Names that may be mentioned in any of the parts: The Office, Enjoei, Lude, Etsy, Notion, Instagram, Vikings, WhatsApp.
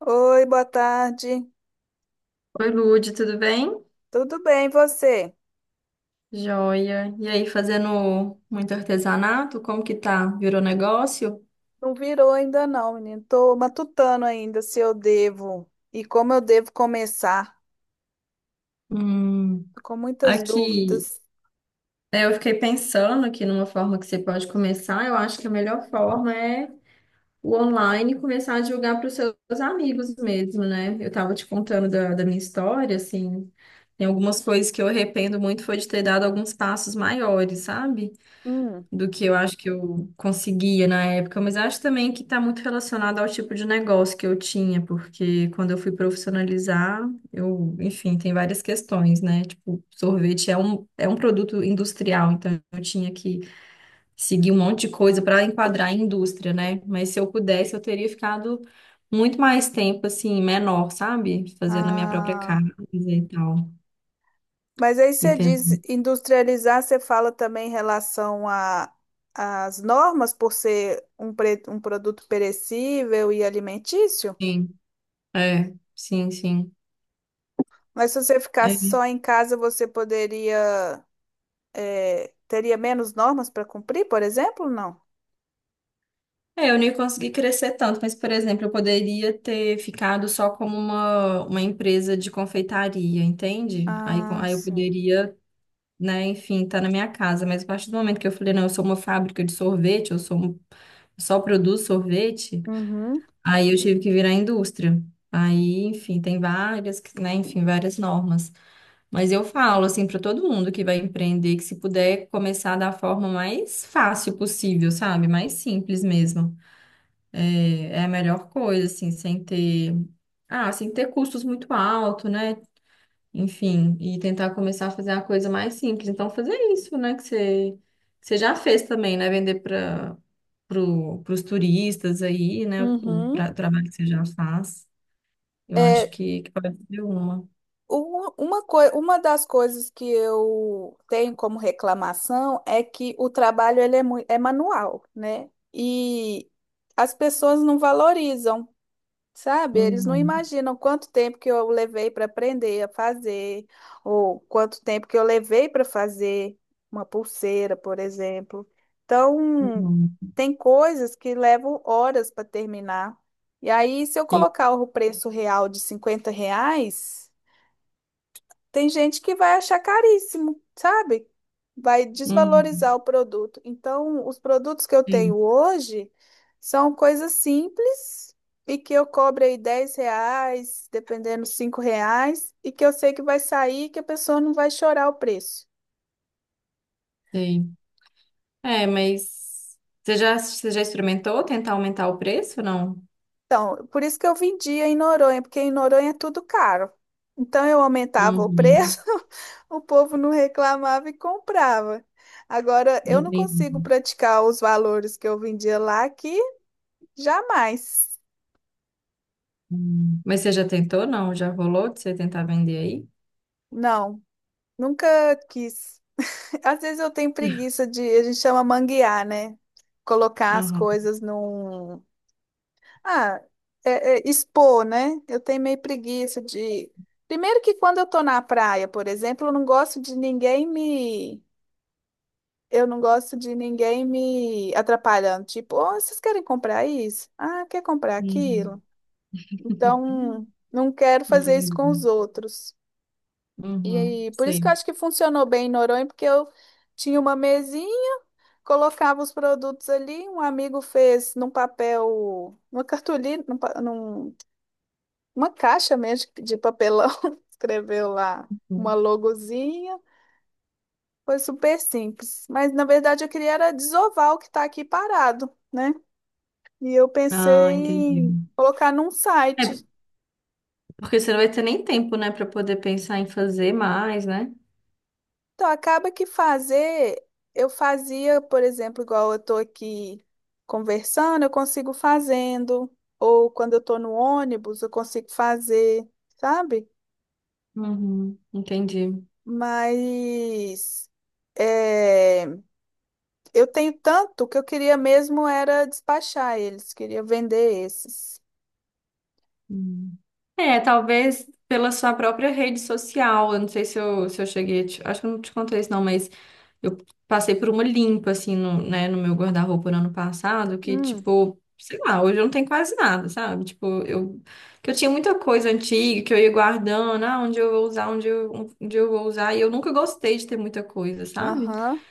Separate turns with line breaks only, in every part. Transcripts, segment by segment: Oi, boa tarde.
Oi, Lude, tudo bem?
Tudo bem, e você?
Joia. E aí, fazendo muito artesanato? Como que tá? Virou negócio?
Não virou ainda não, menino. Tô matutando ainda se eu devo e como eu devo começar.
Hum,
Tô com muitas
aqui,
dúvidas.
é, eu fiquei pensando aqui numa forma que você pode começar. Eu acho que a melhor forma é o online, começar a divulgar para os seus amigos mesmo, né? Eu tava te contando da minha história, assim, tem algumas coisas que eu arrependo muito, foi de ter dado alguns passos maiores, sabe?
Hum.
Do que eu acho que eu conseguia na época, mas acho também que está muito relacionado ao tipo de negócio que eu tinha, porque quando eu fui profissionalizar, eu, enfim, tem várias questões, né? Tipo, sorvete é um produto industrial, então eu tinha que seguir um monte de coisa para enquadrar a indústria, né? Mas se eu pudesse, eu teria ficado muito mais tempo, assim, menor, sabe? Fazendo a minha própria casa
Ah,
e tal.
mas aí
E
você diz
tentando.
industrializar, você fala também em relação a às normas por ser um produto perecível e alimentício?
Sim, é, sim, sim.
Mas se você ficasse
É.
só em casa, teria menos normas para cumprir, por exemplo? Não.
É, eu nem consegui crescer tanto, mas, por exemplo, eu poderia ter ficado só como uma empresa de confeitaria, entende? Aí, co-
Ah,
aí eu
sim.
poderia, né, enfim, estar na minha casa, mas a partir do momento que eu falei, não, eu sou uma fábrica de sorvete, eu sou um- eu só produzo sorvete,
Uhum,
aí eu tive que virar indústria. Aí, enfim, tem várias, que- né, enfim, várias normas. Mas eu falo, assim, para todo mundo que vai empreender, que se puder começar da forma mais fácil possível, sabe? Mais simples mesmo. É, é a melhor coisa, assim, sem ter, ah, sem ter custos muito alto, né? Enfim, e tentar começar a fazer uma coisa mais simples. Então, fazer isso, né? Que você já fez também, né? Vender para pro, os turistas aí, né? O,
uhum.
tra- trabalho que você já faz. Eu acho
É,
que pode ser uma.
uma das coisas que eu tenho como reclamação é que o trabalho é manual, né? E as pessoas não valorizam. Sabe, eles não
Uhum,
imaginam quanto tempo que eu levei para aprender a fazer, ou quanto tempo que eu levei para fazer uma pulseira, por exemplo. Então,
uhum.
tem coisas que levam horas para terminar. E aí, se eu
Sim,
colocar o preço real de R$ 50, tem gente que vai achar caríssimo, sabe? Vai desvalorizar
uhum,
o produto. Então, os produtos que eu tenho
sim,
hoje são coisas simples e que eu cobro aí R$ 10, dependendo, R$ 5, e que eu sei que vai sair e que a pessoa não vai chorar o preço.
sei. É, mas você já experimentou tentar aumentar o preço, não?
Então, por isso que eu vendia em Noronha, porque em Noronha é tudo caro. Então eu aumentava o
Uhum,
preço, o povo não reclamava e comprava. Agora eu não consigo
entendi.
praticar os valores que eu vendia lá aqui, jamais.
Hum. Mas você já tentou, não? Já rolou de você tentar vender aí?
Não, nunca quis. Às vezes eu tenho preguiça de, a gente chama manguear, né? Colocar as
Aham.
coisas num... Ah, é expor, né? Eu tenho meio preguiça de. Primeiro que quando eu tô na praia, por exemplo, eu não gosto de ninguém me. Eu não gosto de ninguém me atrapalhando. Tipo, oh, vocês querem comprar isso? Ah, quer comprar
Uhum.
aquilo? Então, não quero fazer isso com os
Entendi.
outros. E
Uhum.
aí, por isso que eu
Sei.
acho que funcionou bem em Noronha, porque eu tinha uma mesinha, colocava os produtos ali, um amigo fez num papel, numa cartolina, uma caixa mesmo de papelão, escreveu lá uma
Uhum.
logozinha. Foi super simples. Mas na verdade eu queria era desovar o que está aqui parado, né? E eu pensei
Ah, entendi.
em colocar num
É,
site.
porque você não vai ter nem tempo, né, para poder pensar em fazer mais, né?
Então acaba que fazer, eu fazia, por exemplo, igual eu estou aqui conversando, eu consigo fazendo. Ou quando eu estou no ônibus, eu consigo fazer, sabe?
Uhum. Entendi.
Mas... É... Eu tenho tanto que eu queria mesmo era despachar eles, queria vender esses.
Hum. É, talvez pela sua própria rede social. Eu não sei se eu cheguei a te- Acho que eu não te contei isso, não, mas eu passei por uma limpa, assim, no, né, no meu guarda-roupa no ano passado, que,
Hum,
tipo, sei lá, hoje eu não tenho quase nada, sabe? Tipo, eu, que eu tinha muita coisa antiga que eu ia guardando, ah, onde eu vou usar, onde eu vou usar, e eu nunca gostei de ter muita coisa, sabe?
aham.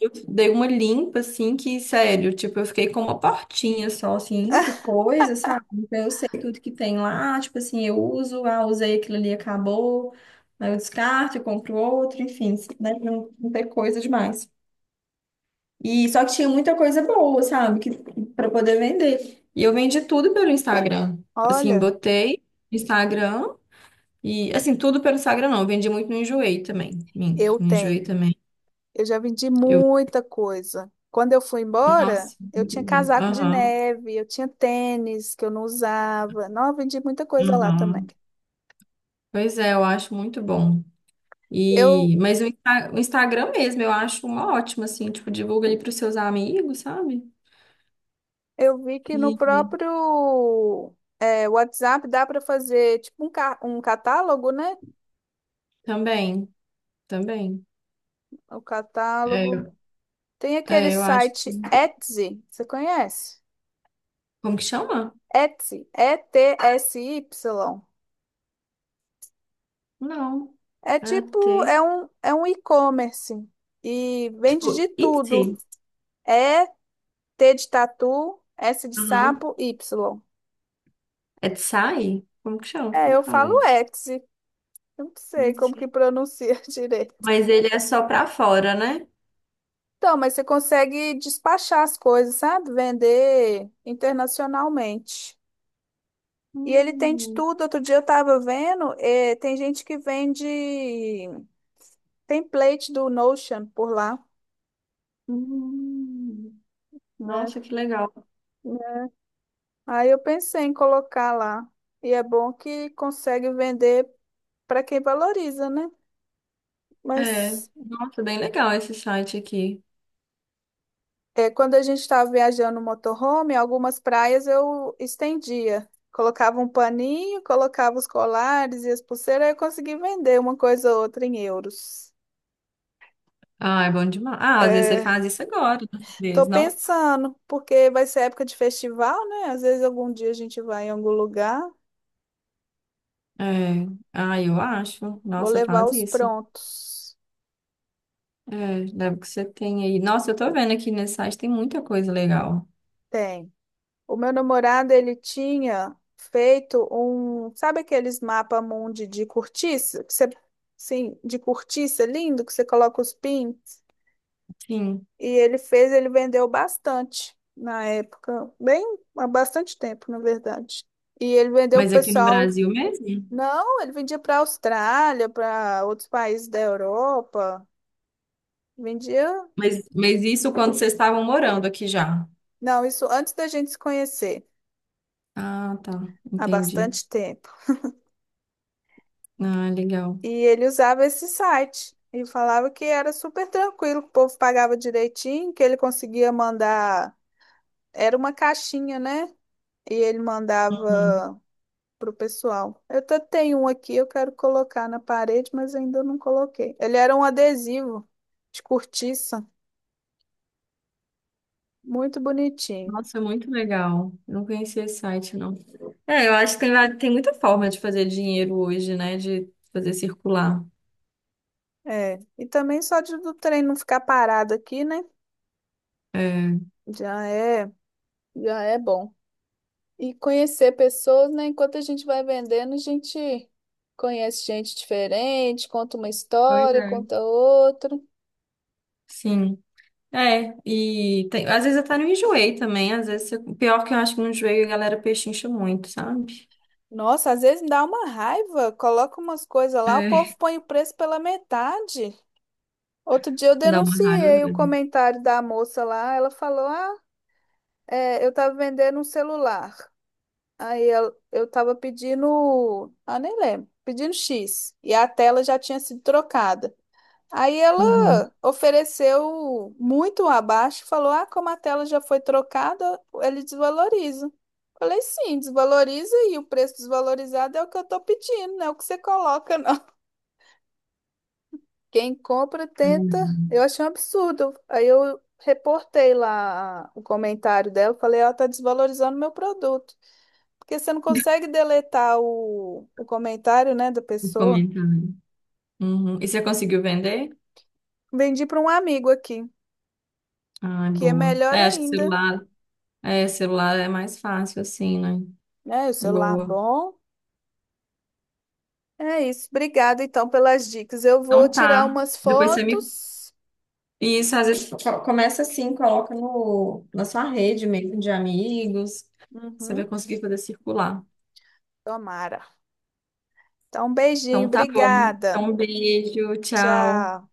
Eu dei uma limpa, assim, que, sério, tipo, eu fiquei com uma portinha só, assim, de coisa, sabe? Então eu sei tudo que tem lá, tipo assim, eu uso, ah, usei aquilo ali, acabou, aí eu descarto, eu compro outro, enfim, né? Não, não tem coisa demais. E só que tinha muita coisa boa, sabe? Que, para poder vender. E eu vendi tudo pelo Instagram. Assim,
Olha,
botei Instagram e, assim, tudo pelo Instagram não, eu vendi muito no Enjoei também. Minto,
eu
no Enjoei
tenho.
também.
Eu já vendi muita coisa. Quando eu fui embora,
Nossa,
eu
muito
tinha
bom.
casaco de
Aham.
neve, eu tinha tênis que eu não usava. Não, eu vendi muita coisa lá também.
Uhum. Pois é, eu acho muito bom.
Eu,
E, mas o, Insta- o Instagram mesmo, eu acho uma ótima, assim, tipo, divulga ali para os seus amigos, sabe?
eu vi que no
E e
próprio WhatsApp dá para fazer tipo um catálogo, né?
também, também.
O
É,
catálogo.
eu-
Tem aquele
é, eu acho que.
site Etsy, você conhece?
Como que chama?
Etsy, Etsy.
Não.
É
É
tipo,
T.
é um e-commerce e vende de
Tipo,
tudo.
Etsy.
É T de tatu, S de
Aham.
sapo, Y.
Etsy? Como que chama?
É,
Como
eu
que eu
falo
falei?
Etsy. Eu não sei como que
Etsy.
pronuncia direito.
Mas ele é só para fora, né?
Então, mas você consegue despachar as coisas, sabe? Vender internacionalmente. E ele tem de
Hum,
tudo. Outro dia eu estava vendo, tem gente que vende template do Notion por lá,
hum.
né?
Nossa, que legal.
Aí eu pensei em colocar lá. E é bom que consegue vender para quem valoriza, né?
É,
Mas
nossa, bem legal esse site aqui.
é, quando a gente estava viajando no motorhome, algumas praias eu estendia. Colocava um paninho, colocava os colares e as pulseiras, aí eu consegui vender uma coisa ou outra em euros.
Ah, é bom demais. Ah, às vezes você
É,
faz isso agora, né, às
tô
vezes, não?
pensando, porque vai ser época de festival, né? Às vezes algum dia a gente vai em algum lugar,
É. Ah, eu acho.
vou
Nossa,
levar
faz
os
isso.
prontos.
É, deve que você tem aí. Nossa, eu tô vendo aqui nesse site tem muita coisa legal.
Tem. O meu namorado, ele tinha feito um, sabe aqueles mapa mundi de cortiça, que você, sim, de cortiça lindo que você coloca os pins,
Sim.
e ele fez, ele vendeu bastante na época, bem, há bastante tempo, na verdade. E ele vendeu pro
Mas aqui no
pessoal,
Brasil mesmo?
não, ele vendia para a Austrália, para outros países da Europa, vendia,
Mas isso quando vocês estavam morando aqui já?
não, isso antes da gente se conhecer,
Ah, tá.
há
Entendi.
bastante tempo.
Ah, legal.
E ele usava esse site e falava que era super tranquilo, que o povo pagava direitinho, que ele conseguia mandar. Era uma caixinha, né? E ele mandava
Uhum.
pro pessoal. Eu até tenho um aqui, eu quero colocar na parede, mas ainda não coloquei. Ele era um adesivo de cortiça, muito bonitinho.
Nossa, muito legal. Eu não conhecia esse site, não. É, eu acho que tem, va- tem muita forma de fazer dinheiro hoje, né? De fazer circular.
É, e também só de, do trem não ficar parado aqui, né?
É.
Já é, já é bom. E conhecer pessoas, né? Enquanto a gente vai vendendo, a gente conhece gente diferente, conta uma
Pois
história,
é.
conta outra.
Sim. É, e tem- às vezes até não enjoei também, às vezes, eu- pior que eu acho que não enjoei, a galera pechincha muito, sabe?
Nossa, às vezes me dá uma raiva. Coloca umas coisas lá, o
É.
povo põe o preço pela metade. Outro dia eu
Dá uma raiva
denunciei o
mesmo.
comentário da moça lá. Ela falou: Ah, é, eu tava vendendo um celular. Eu tava pedindo. Ah, nem lembro. Pedindo X. E a tela já tinha sido trocada. Aí
Uhum.
ela ofereceu muito abaixo, e falou: Ah, como a tela já foi trocada, ele desvaloriza. Falei: Sim, desvaloriza e o preço desvalorizado é o que eu tô pedindo, não é o que você coloca, não. Quem compra tenta.
Hum.
Eu achei um absurdo. Aí eu reportei lá o comentário dela, falei: Ela tá desvalorizando meu produto. Porque você não consegue deletar o comentário, né, da
O
pessoa.
comentário. Uhum. E você conseguiu vender?
Vendi para um amigo aqui,
Ah, é
que é
boa.
melhor
É, acho que
ainda,
celular é mais fácil assim, né?
né? O celular
Boa.
bom. É isso. Obrigada, então, pelas dicas. Eu vou
Então
tirar
tá.
umas
Depois você me.
fotos.
Isso, às vezes co- começa assim, coloca no, na sua rede mesmo de amigos. Você vai
Uhum.
conseguir fazer circular.
Tomara. Então, um beijinho.
Então tá bom. Então,
Obrigada.
um beijo, tchau.
Tchau.